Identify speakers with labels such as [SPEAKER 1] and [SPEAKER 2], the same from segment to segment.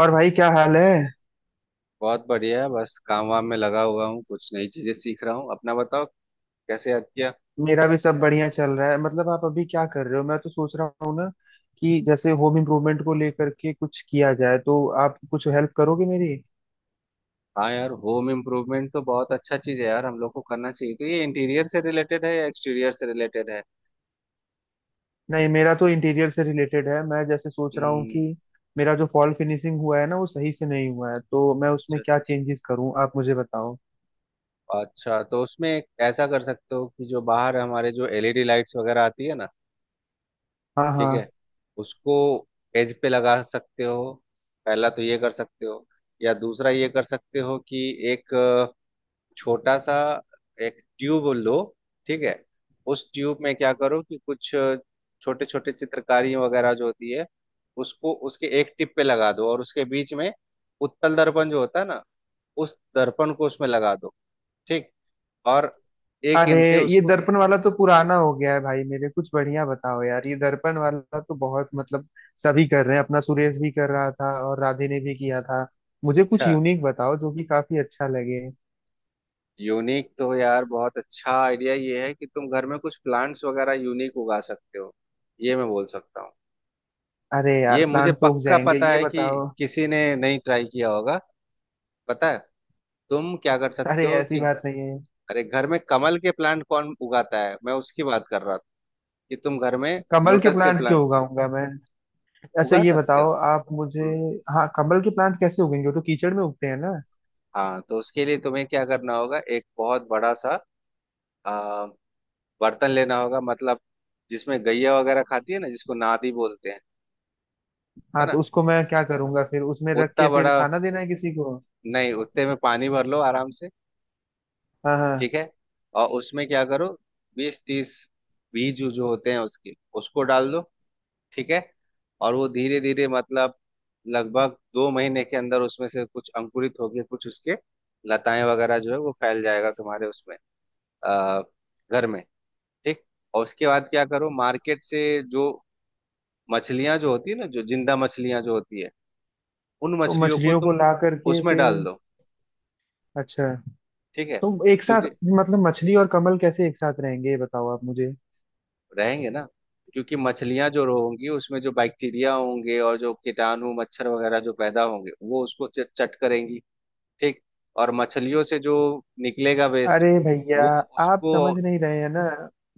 [SPEAKER 1] और भाई क्या हाल है।
[SPEAKER 2] बहुत बढ़िया है। बस काम वाम में लगा हुआ हूँ। कुछ नई चीजें सीख रहा हूँ। अपना बताओ कैसे याद किया।
[SPEAKER 1] मेरा भी सब बढ़िया चल रहा है। मतलब आप अभी क्या कर रहे हो? मैं तो सोच रहा हूँ ना कि जैसे होम इम्प्रूवमेंट को लेकर के कुछ किया जाए तो आप कुछ हेल्प करोगे मेरी।
[SPEAKER 2] हाँ यार, होम इम्प्रूवमेंट तो बहुत अच्छा चीज है यार। हम लोग को करना चाहिए। तो ये इंटीरियर से रिलेटेड है या एक्सटीरियर से रिलेटेड है?
[SPEAKER 1] नहीं, मेरा तो इंटीरियर से रिलेटेड है। मैं जैसे सोच रहा हूँ कि
[SPEAKER 2] हम्म।
[SPEAKER 1] मेरा जो फॉल फिनिशिंग हुआ है ना वो सही से नहीं हुआ है, तो मैं
[SPEAKER 2] अच्छा
[SPEAKER 1] उसमें क्या
[SPEAKER 2] अच्छा।
[SPEAKER 1] चेंजेस करूँ आप मुझे बताओ।
[SPEAKER 2] अच्छा, तो उसमें एक ऐसा कर सकते हो कि जो बाहर हमारे जो एलईडी लाइट्स वगैरह आती है ना।
[SPEAKER 1] हाँ हाँ।
[SPEAKER 2] ठीक है। उसको एज पे लगा सकते हो। पहला तो ये कर सकते हो। या दूसरा ये कर सकते हो कि एक छोटा सा एक ट्यूब लो। ठीक है। उस ट्यूब में क्या करो कि कुछ छोटे छोटे चित्रकारी वगैरह जो होती है उसको उसके एक टिप पे लगा दो। और उसके बीच में उत्तल दर्पण जो होता है ना उस दर्पण को उसमें लगा दो। ठीक। और एक
[SPEAKER 1] अरे,
[SPEAKER 2] इंच से
[SPEAKER 1] ये
[SPEAKER 2] उसको।
[SPEAKER 1] दर्पण वाला तो पुराना हो गया है भाई मेरे, कुछ बढ़िया बताओ यार। ये दर्पण वाला तो बहुत, मतलब सभी कर रहे हैं, अपना सुरेश भी कर रहा था और राधे ने भी किया था। मुझे कुछ
[SPEAKER 2] अच्छा।
[SPEAKER 1] यूनिक बताओ जो कि काफी अच्छा लगे।
[SPEAKER 2] यूनिक तो यार बहुत अच्छा आइडिया ये है कि तुम घर में कुछ प्लांट्स वगैरह यूनिक उगा सकते हो। ये मैं बोल सकता हूँ।
[SPEAKER 1] अरे यार,
[SPEAKER 2] ये मुझे
[SPEAKER 1] प्लांट तो उग
[SPEAKER 2] पक्का
[SPEAKER 1] जाएंगे,
[SPEAKER 2] पता
[SPEAKER 1] ये
[SPEAKER 2] है कि
[SPEAKER 1] बताओ।
[SPEAKER 2] किसी ने नहीं ट्राई किया होगा। पता है तुम क्या कर सकते
[SPEAKER 1] अरे
[SPEAKER 2] हो
[SPEAKER 1] ऐसी
[SPEAKER 2] कि।
[SPEAKER 1] बात नहीं है।
[SPEAKER 2] अरे, घर में कमल के प्लांट कौन उगाता है? मैं उसकी बात कर रहा था कि तुम घर में
[SPEAKER 1] कमल के
[SPEAKER 2] लोटस के
[SPEAKER 1] प्लांट क्यों
[SPEAKER 2] प्लांट
[SPEAKER 1] उगाऊंगा मैं? अच्छा,
[SPEAKER 2] उगा
[SPEAKER 1] ये
[SPEAKER 2] सकते हो।
[SPEAKER 1] बताओ आप मुझे।
[SPEAKER 2] हम्म।
[SPEAKER 1] हाँ, कमल के प्लांट कैसे उगेंगे? वो तो कीचड़ में उगते हैं ना।
[SPEAKER 2] हाँ, तो उसके लिए तुम्हें क्या करना होगा एक बहुत बड़ा सा आ, बर्तन लेना होगा। मतलब जिसमें गैया वगैरह खाती है ना जिसको नादी बोलते हैं। है
[SPEAKER 1] हाँ तो
[SPEAKER 2] ना
[SPEAKER 1] उसको मैं क्या करूंगा, फिर उसमें रख
[SPEAKER 2] उतना
[SPEAKER 1] के फिर
[SPEAKER 2] बड़ा।
[SPEAKER 1] खाना देना है किसी को?
[SPEAKER 2] नहीं, उतने में पानी भर लो आराम से।
[SPEAKER 1] हाँ हाँ।
[SPEAKER 2] ठीक है। और उसमें क्या करो 20-30 बीज जो होते हैं उसके उसको डाल दो। ठीक है। और वो धीरे धीरे मतलब लगभग 2 महीने के अंदर उसमें से कुछ अंकुरित होगी। कुछ उसके लताएं वगैरह जो है वो फैल जाएगा तुम्हारे उसमें अ, घर में। ठीक। और उसके बाद क्या करो मार्केट से जो मछलियां जो होती है ना, जो जिंदा मछलियां जो होती है उन
[SPEAKER 1] तो
[SPEAKER 2] मछलियों को
[SPEAKER 1] मछलियों
[SPEAKER 2] तुम
[SPEAKER 1] को ला करके
[SPEAKER 2] उसमें
[SPEAKER 1] फिर?
[SPEAKER 2] डाल दो।
[SPEAKER 1] अच्छा।
[SPEAKER 2] ठीक है।
[SPEAKER 1] तो एक साथ,
[SPEAKER 2] क्योंकि
[SPEAKER 1] मतलब मछली और कमल कैसे एक साथ रहेंगे ये बताओ आप मुझे।
[SPEAKER 2] रहेंगे ना। क्योंकि मछलियां जो होंगी उसमें जो बैक्टीरिया होंगे और जो कीटाणु मच्छर वगैरह जो पैदा होंगे वो उसको चट करेंगी। ठीक। और मछलियों से जो निकलेगा वेस्ट
[SPEAKER 1] अरे भैया,
[SPEAKER 2] वो
[SPEAKER 1] आप
[SPEAKER 2] उसको।
[SPEAKER 1] समझ नहीं रहे हैं ना।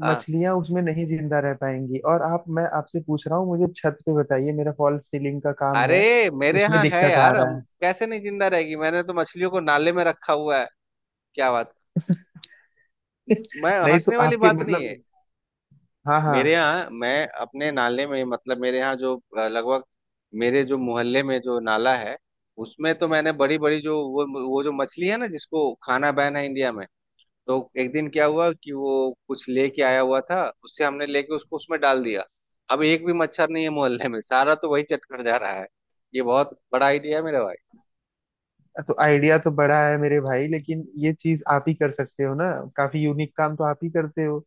[SPEAKER 2] आ,
[SPEAKER 1] मछलियां उसमें नहीं जिंदा रह पाएंगी। और आप, मैं आपसे पूछ रहा हूँ, मुझे छत पे बताइए, मेरा फॉल्स सीलिंग का काम है,
[SPEAKER 2] अरे मेरे
[SPEAKER 1] उसमें
[SPEAKER 2] यहाँ है
[SPEAKER 1] दिक्कत आ
[SPEAKER 2] यार!
[SPEAKER 1] रहा
[SPEAKER 2] हम
[SPEAKER 1] है।
[SPEAKER 2] कैसे नहीं जिंदा रहेगी? मैंने तो मछलियों को नाले में रखा हुआ है। क्या बात। मैं
[SPEAKER 1] नहीं तो
[SPEAKER 2] हंसने वाली
[SPEAKER 1] आपके,
[SPEAKER 2] बात नहीं है।
[SPEAKER 1] मतलब। हाँ
[SPEAKER 2] मेरे
[SPEAKER 1] हाँ।
[SPEAKER 2] यहाँ मैं अपने नाले में मतलब, मेरे यहाँ जो लगभग मेरे जो मोहल्ले में जो नाला है उसमें तो मैंने बड़ी बड़ी जो वो जो मछली है ना जिसको खाना बैन है इंडिया में। तो एक दिन क्या हुआ कि वो कुछ लेके आया हुआ था उससे हमने लेके उसको उसमें डाल दिया। अब एक भी मच्छर नहीं है मोहल्ले में, सारा तो वही चटकर जा रहा है। ये बहुत बड़ा आइडिया है मेरा भाई।
[SPEAKER 1] तो आइडिया तो बड़ा है मेरे भाई, लेकिन ये चीज आप ही कर सकते हो ना, काफी यूनिक काम तो आप ही करते हो।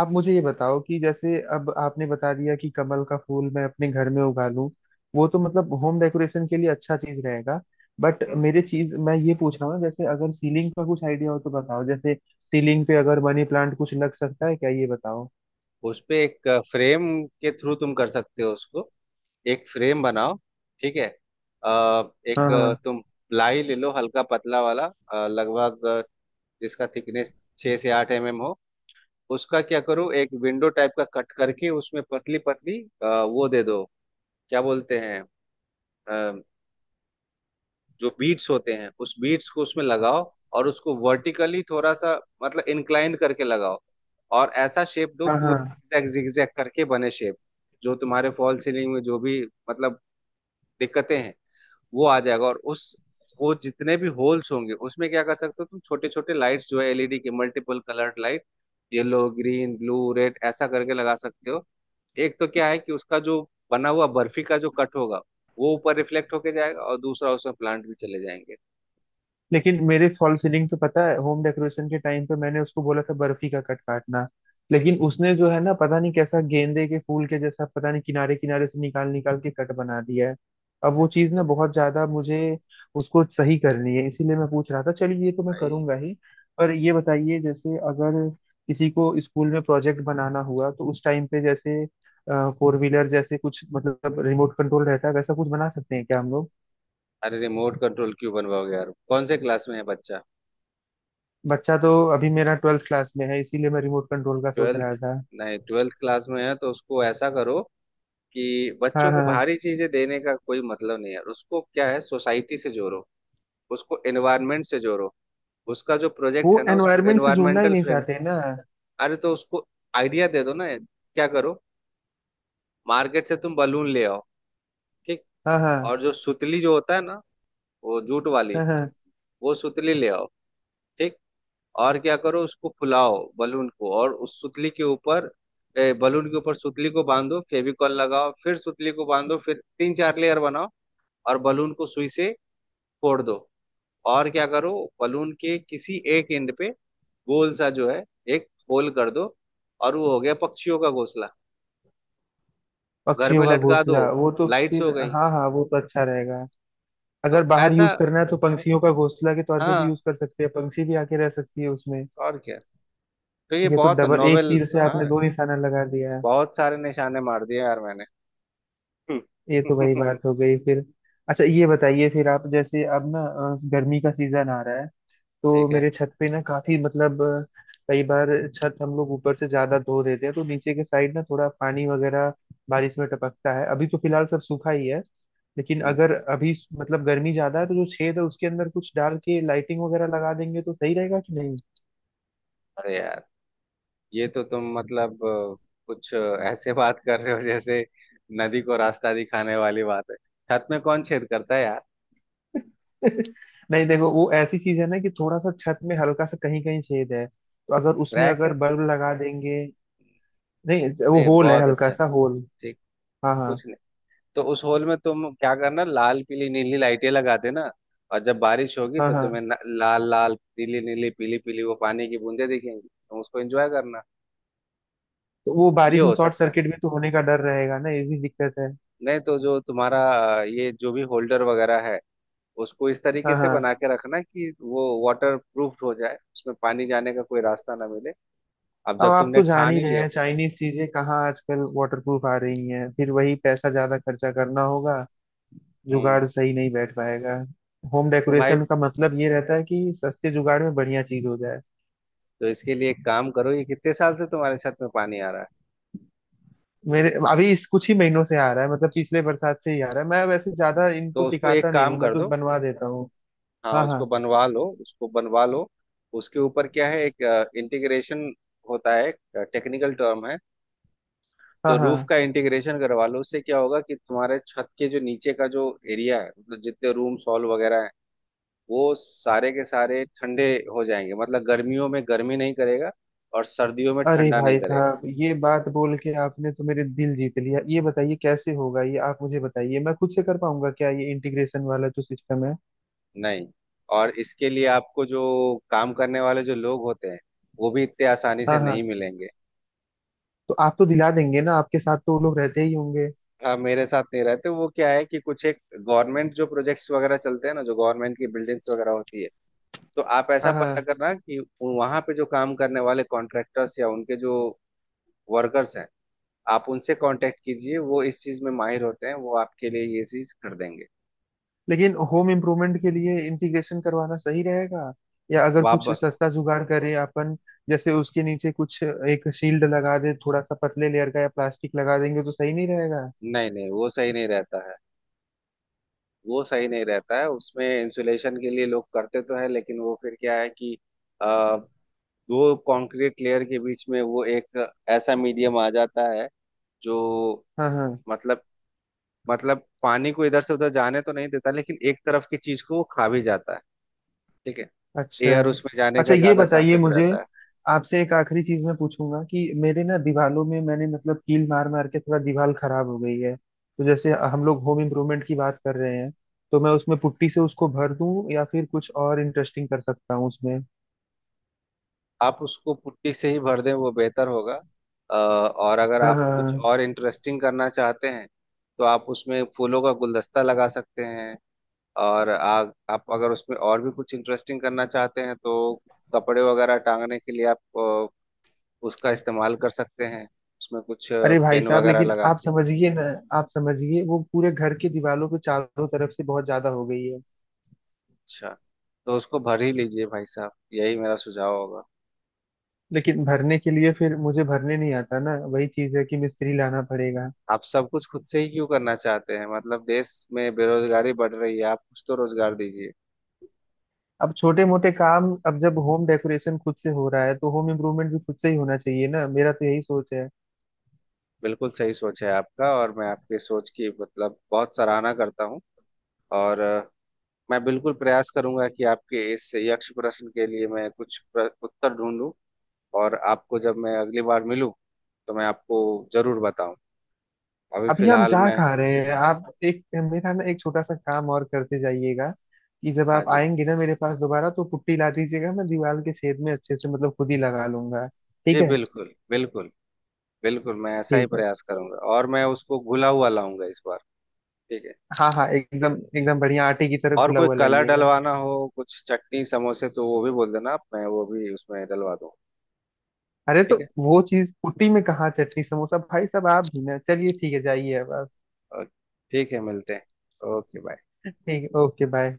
[SPEAKER 1] आप मुझे ये बताओ कि जैसे अब आपने बता दिया कि कमल का फूल मैं अपने घर में उगा लूं, वो तो मतलब होम डेकोरेशन के लिए अच्छा चीज रहेगा। बट
[SPEAKER 2] हम्म।
[SPEAKER 1] मेरे चीज मैं ये पूछ रहा हूँ, जैसे अगर सीलिंग का कुछ आइडिया हो तो बताओ। जैसे सीलिंग पे अगर मनी प्लांट कुछ लग सकता है क्या, ये बताओ।
[SPEAKER 2] उस पे एक फ्रेम के थ्रू तुम कर सकते हो उसको। एक फ्रेम बनाओ। ठीक है।
[SPEAKER 1] हाँ
[SPEAKER 2] एक
[SPEAKER 1] हाँ।
[SPEAKER 2] तुम प्लाई ले लो हल्का पतला वाला, लगभग जिसका थिकनेस 6-8 mm हो। उसका क्या करो एक विंडो टाइप का कट करके उसमें पतली पतली वो दे दो। क्या बोलते हैं जो बीट्स होते हैं उस बीट्स को उसमें लगाओ। और उसको वर्टिकली थोड़ा सा मतलब इंक्लाइन करके लगाओ। और ऐसा शेप दो
[SPEAKER 1] हाँ
[SPEAKER 2] कि वो
[SPEAKER 1] हाँ।
[SPEAKER 2] zigzag zigzag करके बने शेप। जो तुम्हारे फॉल सीलिंग में जो भी मतलब दिक्कतें हैं वो आ जाएगा। और उस वो जितने भी होल्स होंगे उसमें क्या कर सकते हो तुम छोटे छोटे लाइट्स जो है एलईडी के multiple coloured light, yellow green blue red ऐसा करके लगा सकते हो। एक तो क्या है कि उसका जो बना हुआ बर्फी का जो कट होगा वो ऊपर रिफ्लेक्ट होके जाएगा और दूसरा उसमें प्लांट भी चले जाएंगे।
[SPEAKER 1] लेकिन मेरे फॉल सीलिंग पे, पता है, होम डेकोरेशन के टाइम पे मैंने उसको बोला था बर्फी का कट काटना, लेकिन उसने जो है ना पता नहीं कैसा गेंदे के फूल के जैसा, पता नहीं किनारे किनारे से निकाल निकाल के कट बना दिया है। अब वो चीज
[SPEAKER 2] तो
[SPEAKER 1] ना बहुत ज्यादा मुझे, उसको सही करनी है, इसीलिए मैं पूछ रहा था। चलिए, ये तो मैं
[SPEAKER 2] भाई,
[SPEAKER 1] करूंगा ही। पर ये बताइए, जैसे अगर किसी को स्कूल में प्रोजेक्ट बनाना हुआ तो उस टाइम पे, जैसे फोर व्हीलर जैसे कुछ, मतलब रिमोट कंट्रोल रहता है, वैसा कुछ बना सकते हैं क्या हम लोग?
[SPEAKER 2] अरे रिमोट कंट्रोल क्यों बनवाओगे यार? कौन से क्लास में है बच्चा?
[SPEAKER 1] बच्चा तो अभी मेरा ट्वेल्थ क्लास में है, इसीलिए मैं रिमोट कंट्रोल का सोच
[SPEAKER 2] ट्वेल्थ?
[SPEAKER 1] रहा था।
[SPEAKER 2] नहीं, ट्वेल्थ क्लास में है तो उसको ऐसा करो कि
[SPEAKER 1] हाँ
[SPEAKER 2] बच्चों को
[SPEAKER 1] हाँ हाँ।
[SPEAKER 2] भारी चीजें देने का कोई मतलब नहीं है। उसको क्या है सोसाइटी से जोड़ो। उसको एनवायरनमेंट से जोड़ो। उसका जो
[SPEAKER 1] वो
[SPEAKER 2] प्रोजेक्ट है ना उसको
[SPEAKER 1] एनवायरनमेंट से जुड़ना ही
[SPEAKER 2] एनवायरमेंटल
[SPEAKER 1] नहीं
[SPEAKER 2] फ्रेंड।
[SPEAKER 1] चाहते ना।
[SPEAKER 2] अरे तो उसको आइडिया दे दो ना। क्या करो, मार्केट से तुम बलून ले आओ। ठीक।
[SPEAKER 1] हाँ
[SPEAKER 2] और
[SPEAKER 1] हाँ।
[SPEAKER 2] जो सुतली जो होता है ना, वो जूट वाली,
[SPEAKER 1] हाँ हाँ।
[SPEAKER 2] वो सुतली ले आओ। ठीक। और क्या करो उसको फुलाओ बलून को और उस सुतली के ऊपर बलून के ऊपर सुतली को बांधो, फेविकॉल लगाओ, फिर सुतली को बांधो, फिर 3-4 लेयर बनाओ। और बलून को सुई से फोड़ दो। और क्या करो बलून के किसी एक एंड पे गोल सा जो है एक होल कर दो। और वो हो गया पक्षियों का घोंसला। घर
[SPEAKER 1] पक्षियों
[SPEAKER 2] में
[SPEAKER 1] का
[SPEAKER 2] लटका दो,
[SPEAKER 1] घोंसला, वो तो
[SPEAKER 2] लाइट्स
[SPEAKER 1] फिर
[SPEAKER 2] हो गई।
[SPEAKER 1] हाँ हाँ, वो तो अच्छा रहेगा। अगर
[SPEAKER 2] तो
[SPEAKER 1] बाहर
[SPEAKER 2] ऐसा।
[SPEAKER 1] यूज करना है तो पंछियों का घोंसला के तौर पे भी
[SPEAKER 2] हाँ।
[SPEAKER 1] यूज कर सकते हैं, पंछी भी आके रह सकती है उसमें।
[SPEAKER 2] और क्या? तो ये
[SPEAKER 1] ये तो
[SPEAKER 2] बहुत
[SPEAKER 1] डबल, एक
[SPEAKER 2] नोवेल।
[SPEAKER 1] तीर से
[SPEAKER 2] हाँ,
[SPEAKER 1] आपने दो निशाना लगा दिया।
[SPEAKER 2] बहुत सारे निशाने मार दिए यार मैंने।
[SPEAKER 1] ये तो वही बात हो गई फिर। अच्छा ये बताइए फिर आप, जैसे अब ना गर्मी का सीजन आ रहा है, तो
[SPEAKER 2] ठीक
[SPEAKER 1] मेरे छत पे ना काफी, मतलब कई बार छत हम लोग ऊपर से ज्यादा धो देते हैं तो नीचे के साइड ना थोड़ा पानी वगैरह बारिश में टपकता है। अभी तो फिलहाल सब सूखा ही है, लेकिन
[SPEAKER 2] है।
[SPEAKER 1] अगर अभी मतलब गर्मी ज्यादा है तो जो छेद है उसके अंदर कुछ डाल के लाइटिंग वगैरह लगा देंगे तो सही रहेगा कि नहीं?
[SPEAKER 2] अरे यार, ये तो तुम मतलब कुछ ऐसे बात कर रहे हो जैसे नदी को रास्ता दिखाने वाली बात है। छत में कौन छेद करता है यार?
[SPEAKER 1] नहीं देखो, वो ऐसी चीज है ना कि थोड़ा सा छत में हल्का सा कहीं कहीं छेद है, तो अगर उसमें
[SPEAKER 2] रैक
[SPEAKER 1] अगर
[SPEAKER 2] है?
[SPEAKER 1] बल्ब लगा देंगे। नहीं, वो
[SPEAKER 2] नहीं,
[SPEAKER 1] होल है,
[SPEAKER 2] बहुत
[SPEAKER 1] हल्का
[SPEAKER 2] अच्छा।
[SPEAKER 1] सा होल।
[SPEAKER 2] ठीक।
[SPEAKER 1] हाँ हाँ।
[SPEAKER 2] कुछ नहीं। तो उस होल में तुम क्या करना लाल पीली नीली लाइटें लगा देना। और जब बारिश होगी
[SPEAKER 1] हाँ
[SPEAKER 2] तो तुम्हें
[SPEAKER 1] हाँ।
[SPEAKER 2] न, लाल लाल पीली नीली पीली पीली वो पानी की बूंदें दिखेंगी, तुम उसको एंजॉय करना।
[SPEAKER 1] तो वो
[SPEAKER 2] ये
[SPEAKER 1] बारिश में
[SPEAKER 2] हो
[SPEAKER 1] शॉर्ट
[SPEAKER 2] सकता है।
[SPEAKER 1] सर्किट भी तो होने का डर रहेगा ना, ये भी दिक्कत है।
[SPEAKER 2] नहीं तो जो तुम्हारा ये जो भी होल्डर वगैरह है उसको इस तरीके
[SPEAKER 1] हाँ
[SPEAKER 2] से
[SPEAKER 1] हाँ।
[SPEAKER 2] बना के रखना कि वो वाटर प्रूफ हो जाए, उसमें पानी जाने का कोई रास्ता ना मिले। अब
[SPEAKER 1] अब
[SPEAKER 2] जब
[SPEAKER 1] आप
[SPEAKER 2] तुमने
[SPEAKER 1] तो जान
[SPEAKER 2] ठान
[SPEAKER 1] ही
[SPEAKER 2] ही
[SPEAKER 1] रहे
[SPEAKER 2] लिया।
[SPEAKER 1] हैं चाइनीज चीजें कहाँ आजकल वाटरप्रूफ आ रही हैं, फिर वही पैसा ज्यादा खर्चा करना होगा,
[SPEAKER 2] हम्म।
[SPEAKER 1] जुगाड़ सही नहीं बैठ पाएगा। होम
[SPEAKER 2] तो भाई,
[SPEAKER 1] डेकोरेशन का मतलब ये रहता है कि सस्ते जुगाड़ में बढ़िया चीज हो जाए।
[SPEAKER 2] तो इसके लिए एक काम करो। ये कितने साल से तुम्हारे छत में पानी आ रहा है?
[SPEAKER 1] मेरे अभी इस कुछ ही महीनों से आ रहा है, मतलब पिछले बरसात से ही आ रहा है। मैं वैसे ज्यादा
[SPEAKER 2] तो
[SPEAKER 1] इनको
[SPEAKER 2] उसको एक
[SPEAKER 1] टिकाता नहीं
[SPEAKER 2] काम
[SPEAKER 1] हूँ, मैं
[SPEAKER 2] कर
[SPEAKER 1] तो
[SPEAKER 2] दो।
[SPEAKER 1] बनवा देता हूँ।
[SPEAKER 2] हाँ,
[SPEAKER 1] हाँ
[SPEAKER 2] उसको
[SPEAKER 1] हाँ।
[SPEAKER 2] बनवा लो, उसको बनवा लो। उसके ऊपर क्या है एक इंटीग्रेशन होता है। टेक्निकल टर्म है।
[SPEAKER 1] हाँ
[SPEAKER 2] तो रूफ
[SPEAKER 1] हाँ।
[SPEAKER 2] का इंटीग्रेशन करवा लो। उससे क्या होगा कि तुम्हारे छत के जो नीचे का जो एरिया है मतलब जितने रूम सॉल वगैरह वो सारे के सारे ठंडे हो जाएंगे। मतलब गर्मियों में गर्मी नहीं करेगा और सर्दियों में
[SPEAKER 1] अरे
[SPEAKER 2] ठंडा नहीं
[SPEAKER 1] भाई
[SPEAKER 2] करेगा।
[SPEAKER 1] साहब, ये बात बोल के आपने तो मेरे दिल जीत लिया। ये बताइए कैसे होगा ये, आप मुझे बताइए, मैं खुद से कर पाऊंगा क्या ये इंटीग्रेशन वाला जो सिस्टम है?
[SPEAKER 2] नहीं। और इसके लिए आपको जो काम करने वाले जो लोग होते हैं वो भी इतने आसानी से
[SPEAKER 1] हाँ
[SPEAKER 2] नहीं
[SPEAKER 1] हाँ।
[SPEAKER 2] मिलेंगे।
[SPEAKER 1] तो आप तो दिला देंगे ना, आपके साथ तो वो लोग रहते ही होंगे।
[SPEAKER 2] हाँ, मेरे साथ नहीं रहते। वो क्या है कि कुछ एक गवर्नमेंट जो प्रोजेक्ट्स वगैरह चलते हैं ना, जो गवर्नमेंट की बिल्डिंग्स वगैरह होती है, तो आप ऐसा
[SPEAKER 1] हाँ
[SPEAKER 2] पता
[SPEAKER 1] हाँ।
[SPEAKER 2] करना कि वहां पे जो काम करने वाले कॉन्ट्रैक्टर्स या उनके जो वर्कर्स हैं, आप उनसे कांटेक्ट कीजिए। वो इस चीज में माहिर होते हैं, वो आपके लिए ये चीज कर देंगे।
[SPEAKER 1] लेकिन होम इम्प्रूवमेंट के लिए इंटीग्रेशन करवाना सही रहेगा, या अगर
[SPEAKER 2] वाप।
[SPEAKER 1] कुछ सस्ता जुगाड़ करें अपन, जैसे उसके नीचे कुछ एक शील्ड लगा दे, थोड़ा सा पतले लेयर का या प्लास्टिक लगा देंगे तो सही नहीं रहेगा?
[SPEAKER 2] नहीं नहीं, वो सही नहीं रहता है। वो सही नहीं रहता है। उसमें इंसुलेशन के लिए लोग करते तो है लेकिन वो फिर क्या है कि आ, 2 कंक्रीट लेयर के बीच में वो एक ऐसा मीडियम आ जाता है जो
[SPEAKER 1] हाँ हाँ।
[SPEAKER 2] मतलब मतलब पानी को इधर से उधर जाने तो नहीं देता लेकिन एक तरफ की चीज को वो खा भी जाता है। ठीक है।
[SPEAKER 1] अच्छा।
[SPEAKER 2] एयर उसमें जाने
[SPEAKER 1] अच्छा
[SPEAKER 2] का
[SPEAKER 1] ये
[SPEAKER 2] ज्यादा
[SPEAKER 1] बताइए
[SPEAKER 2] चांसेस
[SPEAKER 1] मुझे,
[SPEAKER 2] रहता है।
[SPEAKER 1] आपसे एक आखिरी चीज मैं पूछूंगा, कि मेरे ना दीवालों में मैंने, मतलब कील मार मार के थोड़ा दीवार खराब हो गई है, तो जैसे हम लोग होम इम्प्रूवमेंट की बात कर रहे हैं, तो मैं उसमें पुट्टी से उसको भर दूं या फिर कुछ और इंटरेस्टिंग कर सकता हूँ उसमें?
[SPEAKER 2] आप उसको पुट्टी से ही भर दें, वो बेहतर होगा। और अगर
[SPEAKER 1] हाँ
[SPEAKER 2] आप
[SPEAKER 1] हाँ,
[SPEAKER 2] कुछ
[SPEAKER 1] हाँ।
[SPEAKER 2] और इंटरेस्टिंग करना चाहते हैं तो आप उसमें फूलों का गुलदस्ता लगा सकते हैं। और आप अगर उसमें और भी कुछ इंटरेस्टिंग करना चाहते हैं तो कपड़े वगैरह टांगने के लिए आप उसका इस्तेमाल कर सकते हैं, उसमें कुछ
[SPEAKER 1] अरे भाई
[SPEAKER 2] पेन
[SPEAKER 1] साहब,
[SPEAKER 2] वगैरह
[SPEAKER 1] लेकिन
[SPEAKER 2] लगा
[SPEAKER 1] आप
[SPEAKER 2] के।
[SPEAKER 1] समझिए ना, आप समझिए, वो पूरे घर की दीवारों पे चारों तरफ से बहुत ज्यादा हो गई है।
[SPEAKER 2] अच्छा, तो उसको भर ही लीजिए भाई साहब, यही मेरा सुझाव होगा।
[SPEAKER 1] लेकिन भरने के लिए, फिर मुझे भरने नहीं आता ना, वही चीज है कि मिस्त्री लाना पड़ेगा।
[SPEAKER 2] आप सब कुछ खुद से ही क्यों करना चाहते हैं? मतलब देश में बेरोजगारी बढ़ रही है, आप कुछ तो रोजगार दीजिए।
[SPEAKER 1] अब छोटे मोटे काम, अब जब होम डेकोरेशन खुद से हो रहा है तो होम इम्प्रूवमेंट भी खुद से ही होना चाहिए ना, मेरा तो यही सोच है।
[SPEAKER 2] बिल्कुल सही सोच है आपका। और मैं आपके सोच की मतलब बहुत सराहना करता हूँ। और मैं बिल्कुल प्रयास करूंगा कि आपके इस यक्ष प्रश्न के लिए मैं कुछ उत्तर ढूंढूं। और आपको जब मैं अगली बार मिलूं तो मैं आपको जरूर बताऊं। अभी
[SPEAKER 1] अभी हम
[SPEAKER 2] फिलहाल
[SPEAKER 1] जा
[SPEAKER 2] मैं।
[SPEAKER 1] कहाँ रहे हैं, आप एक, मेरा ना एक छोटा सा काम और करते जाइएगा, कि जब
[SPEAKER 2] हाँ
[SPEAKER 1] आप
[SPEAKER 2] जी।
[SPEAKER 1] आएंगे ना मेरे पास दोबारा तो पुट्टी ला दीजिएगा, मैं दीवार के छेद में अच्छे से, मतलब खुद ही लगा लूंगा। ठीक
[SPEAKER 2] जी
[SPEAKER 1] है।
[SPEAKER 2] बिल्कुल बिल्कुल। बिल्कुल मैं ऐसा ही
[SPEAKER 1] ठीक है।
[SPEAKER 2] प्रयास करूंगा और मैं उसको घुला हुआ लाऊंगा इस बार। ठीक है।
[SPEAKER 1] हाँ हाँ, एकदम
[SPEAKER 2] ठीक।
[SPEAKER 1] एकदम बढ़िया आटे की तरह
[SPEAKER 2] और
[SPEAKER 1] घुला
[SPEAKER 2] कोई
[SPEAKER 1] हुआ
[SPEAKER 2] कलर
[SPEAKER 1] लाइएगा।
[SPEAKER 2] डलवाना हो कुछ चटनी समोसे तो वो भी बोल देना, मैं वो भी उसमें डलवा दूँ।
[SPEAKER 1] अरे, तो वो चीज पुट्टी में कहाँ चटनी समोसा, भाई साहब आप भी ना। चलिए ठीक है, जाइए अब आप।
[SPEAKER 2] अ, ठीक है, मिलते हैं। Okay bye.
[SPEAKER 1] ठीक है, ओके बाय।